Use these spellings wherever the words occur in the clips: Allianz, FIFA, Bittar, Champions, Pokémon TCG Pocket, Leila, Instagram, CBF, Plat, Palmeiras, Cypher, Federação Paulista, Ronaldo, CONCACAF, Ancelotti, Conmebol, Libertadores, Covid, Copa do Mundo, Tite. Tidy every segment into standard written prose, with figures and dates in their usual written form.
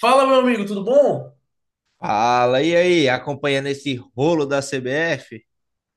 Fala, meu amigo, tudo bom? Fala, e aí? Acompanhando esse rolo da CBF?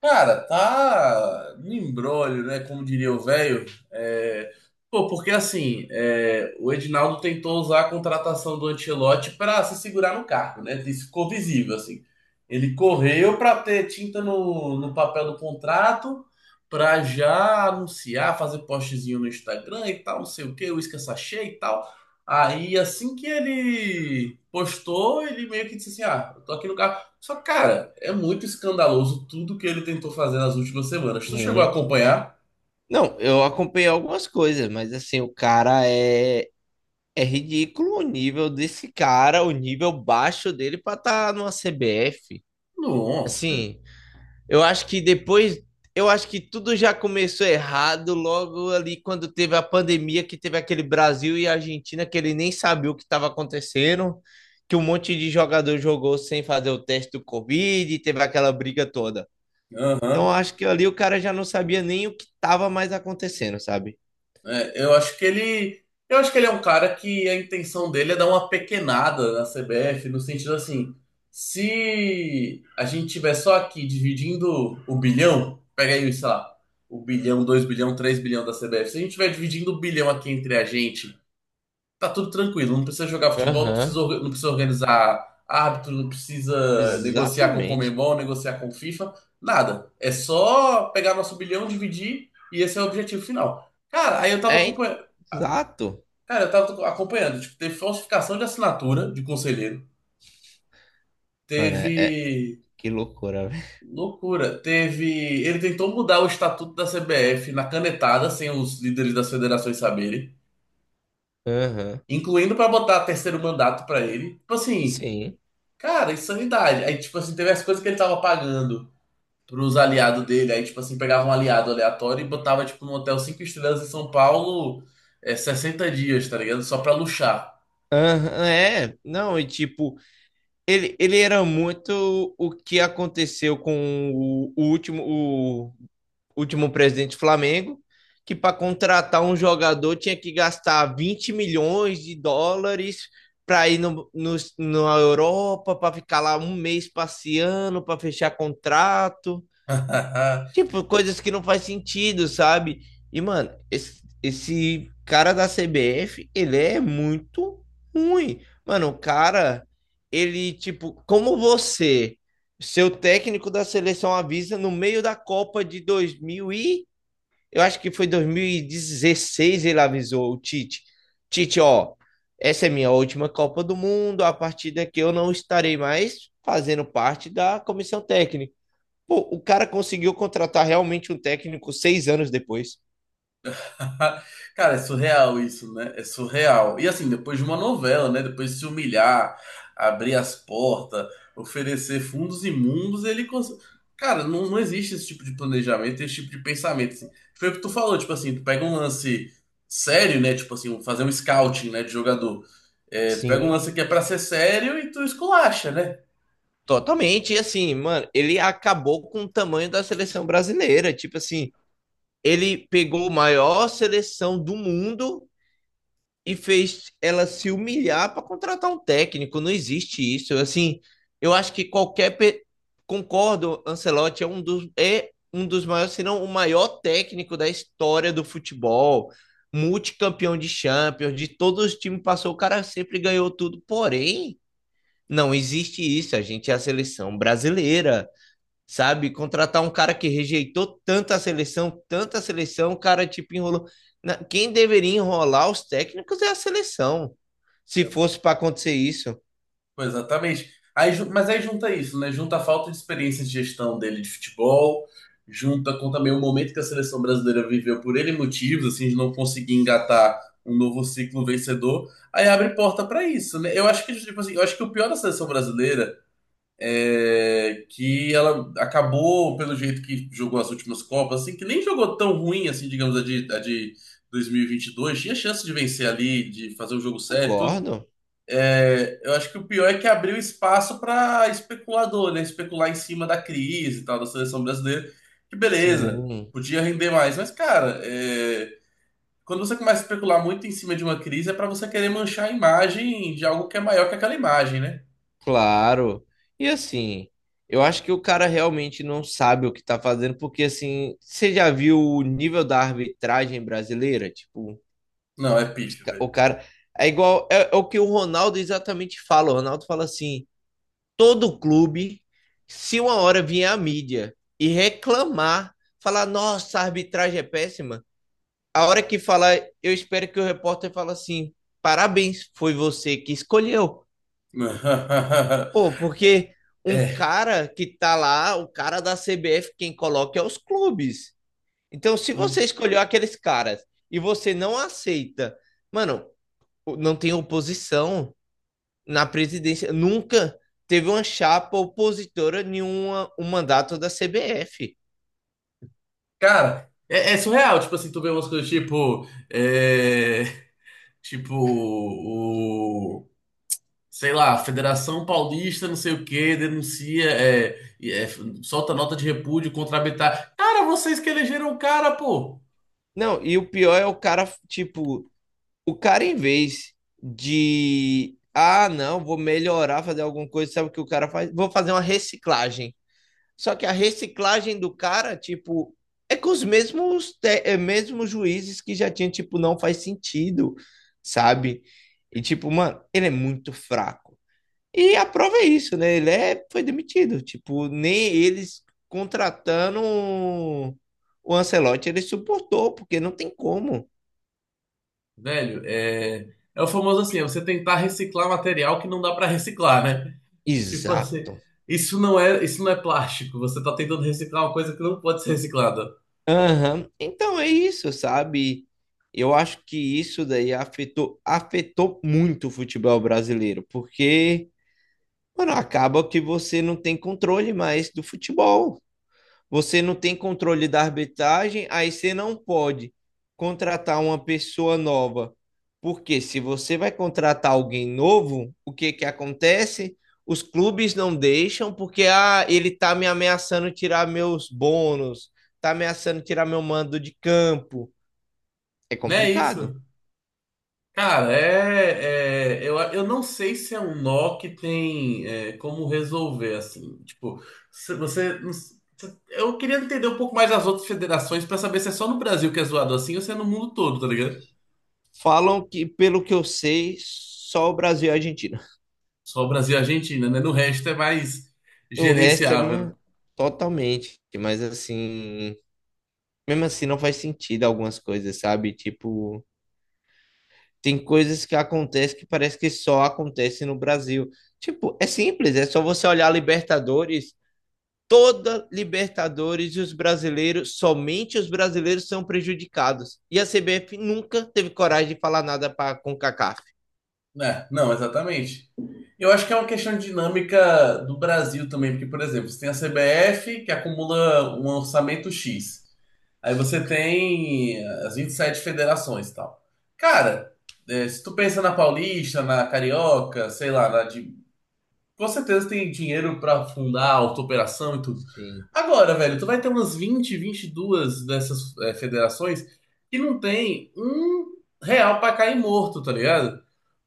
Cara, tá no imbróglio, né? Como diria o velho. É. O Edinaldo tentou usar a contratação do Ancelotti pra se segurar no cargo, né? Isso ficou visível, assim. Ele correu pra ter tinta no papel do contrato, pra já anunciar, fazer postzinho no Instagram e tal, não sei o quê, uísque sachê e tal. Aí, assim que ele postou, ele meio que disse assim: Ah, eu tô aqui no cargo. Só que, cara, é muito escandaloso tudo que ele tentou fazer nas últimas semanas. Tu chegou a Muito. acompanhar? Não, eu acompanhei algumas coisas, mas assim, o cara é ridículo o nível desse cara, o nível baixo dele pra estar numa CBF. Não. Assim, eu acho que depois, eu acho que tudo já começou errado logo ali quando teve a pandemia, que teve aquele Brasil e Argentina que ele nem sabia o que estava acontecendo, que um monte de jogador jogou sem fazer o teste do Covid, e teve aquela briga toda. Então Aham. acho que ali o cara já não sabia nem o que estava mais acontecendo, sabe? É, eu acho que ele. Eu acho que ele é um cara que a intenção dele é dar uma pequenada na CBF, no sentido assim, se a gente tiver só aqui dividindo o bilhão, pega aí, sei lá, o bilhão, dois bilhão, três bilhão da CBF, se a gente tiver dividindo o bilhão aqui entre a gente tá tudo tranquilo, não precisa jogar futebol, não precisa, Aham. Não precisa organizar árbitro, não precisa negociar com o Exatamente. Conmebol, negociar com o FIFA, nada. É só pegar nosso bilhão, dividir e esse é o objetivo final. É, hein? Exato. Cara, eu tava acompanhando, tipo, teve falsificação de assinatura de conselheiro, Mano, teve que loucura, velho. loucura, teve, ele tentou mudar o estatuto da CBF na canetada sem os líderes das federações saberem. Aham. Incluindo pra botar terceiro mandato pra ele. Tipo assim, Sim. cara, insanidade. Aí, tipo assim, teve as coisas que ele tava pagando pros aliados dele. Aí, tipo assim, pegava um aliado aleatório e botava, tipo, num hotel cinco estrelas em São Paulo, 60 dias, tá ligado? Só pra luxar. Aham, é, não, e tipo, ele era muito o que aconteceu com o último presidente do Flamengo, que para contratar um jogador tinha que gastar 20 milhões de dólares para ir no, no, na Europa, para ficar lá um mês passeando, para fechar contrato. Tipo, coisas que não faz sentido, sabe? E, mano, esse cara da CBF, ele é muito ruim. Mano, o cara, ele, tipo, como você, seu técnico da seleção avisa no meio da Copa de 2000 e eu acho que foi 2016 ele avisou o Tite. Tite, ó, essa é minha última Copa do Mundo, a partir daqui eu não estarei mais fazendo parte da comissão técnica. Pô, o cara conseguiu contratar realmente um técnico 6 anos depois. Cara, é surreal isso, né? É surreal. E assim, depois de uma novela, né? Depois de se humilhar, abrir as portas, oferecer fundos imundos, cara, não existe esse tipo de planejamento, esse tipo de pensamento, assim. Foi o que tu falou, tipo assim, tu pega um lance sério, né? Tipo assim, fazer um scouting, né, de jogador. É, tu pega um Sim, lance que é pra ser sério e tu esculacha, né? totalmente. E assim, mano, ele acabou com o tamanho da seleção brasileira. Tipo assim, ele pegou a maior seleção do mundo e fez ela se humilhar para contratar um técnico. Não existe isso. Assim, eu acho que qualquer pe- concordo, Ancelotti é um dos maiores, se não o maior técnico da história do futebol, multicampeão de Champions, de todos os times passou, o cara sempre ganhou tudo. Porém, não existe isso. A gente é a seleção brasileira, sabe? Contratar um cara que rejeitou tanta seleção, o cara tipo enrolou. Quem deveria enrolar os técnicos é a seleção, se fosse para acontecer isso. Pois, exatamente. Mas aí junta isso, né? Junta a falta de experiência de gestão dele de futebol, junta com também o momento que a seleção brasileira viveu por ele motivos, assim, de não conseguir engatar um novo ciclo vencedor. Aí abre porta para isso, né? Eu acho que, tipo assim, eu acho que o pior da seleção brasileira é que ela acabou pelo jeito que jogou as últimas Copas, assim, que nem jogou tão ruim, assim, digamos, a de 2022. Tinha chance de vencer ali, de fazer um jogo sério, tudo. Concordo. Eu acho que o pior é que abriu espaço para especulador, né? Especular em cima da crise e tal, da seleção brasileira. Que beleza, Sim, podia render mais. Mas, cara, é, quando você começa a especular muito em cima de uma crise, é para você querer manchar a imagem de algo que é maior que aquela imagem, né? claro. E assim, eu acho que o cara realmente não sabe o que tá fazendo, porque assim, você já viu o nível da arbitragem brasileira? Não, é pífio, O velho. cara. É igual. É o que o Ronaldo exatamente fala. O Ronaldo fala assim, todo clube, se uma hora vier a mídia e reclamar, falar, nossa, a arbitragem é péssima, a hora que falar, eu espero que o repórter fale assim, parabéns, foi você que escolheu. Pô, porque um É. cara que tá lá, o cara da CBF, quem coloca é os clubes. Então, se você escolheu aqueles caras e você não aceita, mano, não tem oposição, na presidência, nunca teve uma chapa opositora a nenhuma um mandato da CBF. Cara, surreal, tipo assim, tu vê umas coisas tipo. É, Tipo, o. Sei lá, Federação Paulista, não sei o quê, denuncia, solta nota de repúdio contra a Bittar. Cara, vocês que elegeram o cara, pô! Não, e o pior é o cara, tipo, o cara em vez de ah, não, vou melhorar, fazer alguma coisa, sabe o que o cara faz? Vou fazer uma reciclagem. Só que a reciclagem do cara, tipo, é com os mesmos, é, mesmos juízes que já tinha, tipo, não faz sentido, sabe? E, tipo, mano, ele é muito fraco. E a prova é isso, né? Foi demitido. Tipo, nem eles contratando o Ancelotti, ele suportou, porque não tem como. Velho, é o famoso assim, é você tentar reciclar material que não dá pra reciclar, né? Tipo assim, Exato. Isso não é plástico, você tá tentando reciclar uma coisa que não pode ser reciclada. Aham. Então é isso, sabe? Eu acho que isso daí afetou muito o futebol brasileiro, porque, mano, acaba que você não tem controle mais do futebol. Você não tem controle da arbitragem, aí você não pode contratar uma pessoa nova. Porque se você vai contratar alguém novo, o que que acontece? Os clubes não deixam porque ah, ele tá me ameaçando tirar meus bônus, tá ameaçando tirar meu mando de campo. É Não é complicado. isso? Cara, eu não sei se é um nó que tem como resolver, assim. Tipo, se você. Não s- se- eu queria entender um pouco mais as outras federações pra saber se é só no Brasil que é zoado assim ou se é no mundo todo, tá ligado? Falam que, pelo que eu sei, só o Brasil e a Argentina. Só o Brasil e a Argentina, né? No resto é mais O resto é gerenciável, mano, totalmente, mas assim, mesmo assim não faz sentido algumas coisas, sabe? Tipo, tem coisas que acontecem que parece que só acontecem no Brasil. Tipo, é simples, é só você olhar a Libertadores, toda Libertadores e os brasileiros, somente os brasileiros são prejudicados. E a CBF nunca teve coragem de falar nada para com CONCACAF. né? É. Não, exatamente. Eu acho que é uma questão de dinâmica do Brasil também, porque, por exemplo, você tem a CBF que acumula um orçamento X. Aí você tem as 27 federações e tal. Cara, é, se tu pensa na Paulista, na Carioca, sei lá, na de... com certeza tem dinheiro pra fundar auto-operação e tudo. Sim. Agora, velho, tu vai ter umas 20, 22 dessas federações que não tem um real pra cair morto, tá ligado?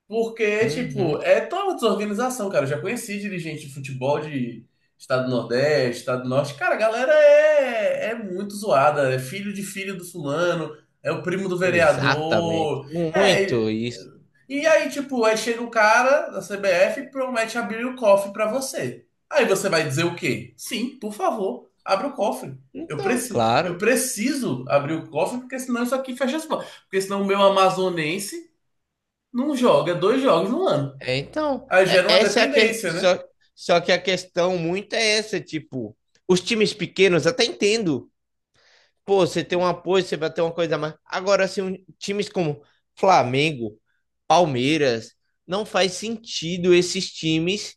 Porque, Uhum, tipo, é toda uma desorganização, cara. Eu já conheci dirigente de futebol de Estado do Nordeste, Estado do Norte. Cara, a galera é muito zoada. É filho de filho do fulano, é o primo do exatamente, vereador. É. muito E isso. e aí, tipo, aí chega um cara da CBF e promete abrir o cofre pra você. Aí você vai dizer o quê? Sim, por favor, abre o cofre. Então, Eu claro, preciso abrir o cofre, porque senão isso aqui fecha as portas. Porque senão o meu amazonense não joga dois jogos no ano. É, então, Aí é- gera uma essa é a que... dependência, né? só, só que a questão muito é essa, tipo, os times pequenos até entendo. Pô, você tem um apoio, você vai ter uma coisa a mais. Agora, assim, times como Flamengo, Palmeiras, não faz sentido esses times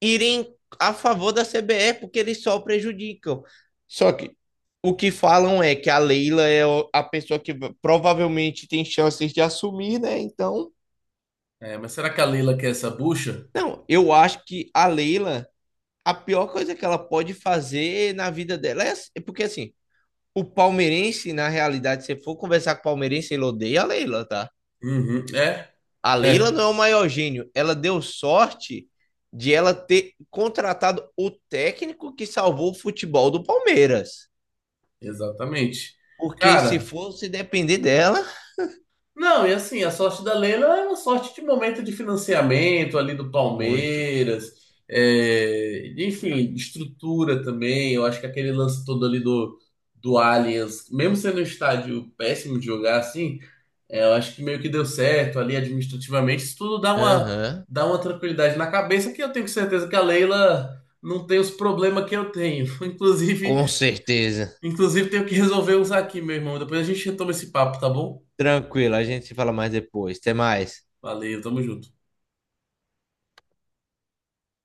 irem a favor da CBF, porque eles só prejudicam. Só que o que falam é que a Leila a pessoa que provavelmente tem chances de assumir, né? Então, É, mas será que a Leila quer essa bucha? não, eu acho que a Leila a pior coisa que ela pode fazer na vida dela é porque assim, o palmeirense, na realidade, se for conversar com o palmeirense, ele odeia a Leila, tá? Uhum, é, A Leila é, não é o maior gênio. Ela deu sorte de ela ter contratado o técnico que salvou o futebol do Palmeiras. exatamente. Porque se Cara, fosse depender dela, não, e assim, a sorte da Leila é uma sorte de momento de financiamento ali do muito. Palmeiras, é, enfim, estrutura também. Eu acho que aquele lance todo do Allianz, mesmo sendo um estádio péssimo de jogar assim, é, eu acho que meio que deu certo ali administrativamente. Isso tudo Aham. Uhum. dá uma tranquilidade na cabeça que eu tenho certeza que a Leila não tem os problemas que eu tenho. Inclusive, Com certeza. inclusive tenho que resolver uns aqui, meu irmão. Depois a gente retoma esse papo, tá bom? Tranquilo, a gente se fala mais depois. Até mais. Valeu, tamo junto.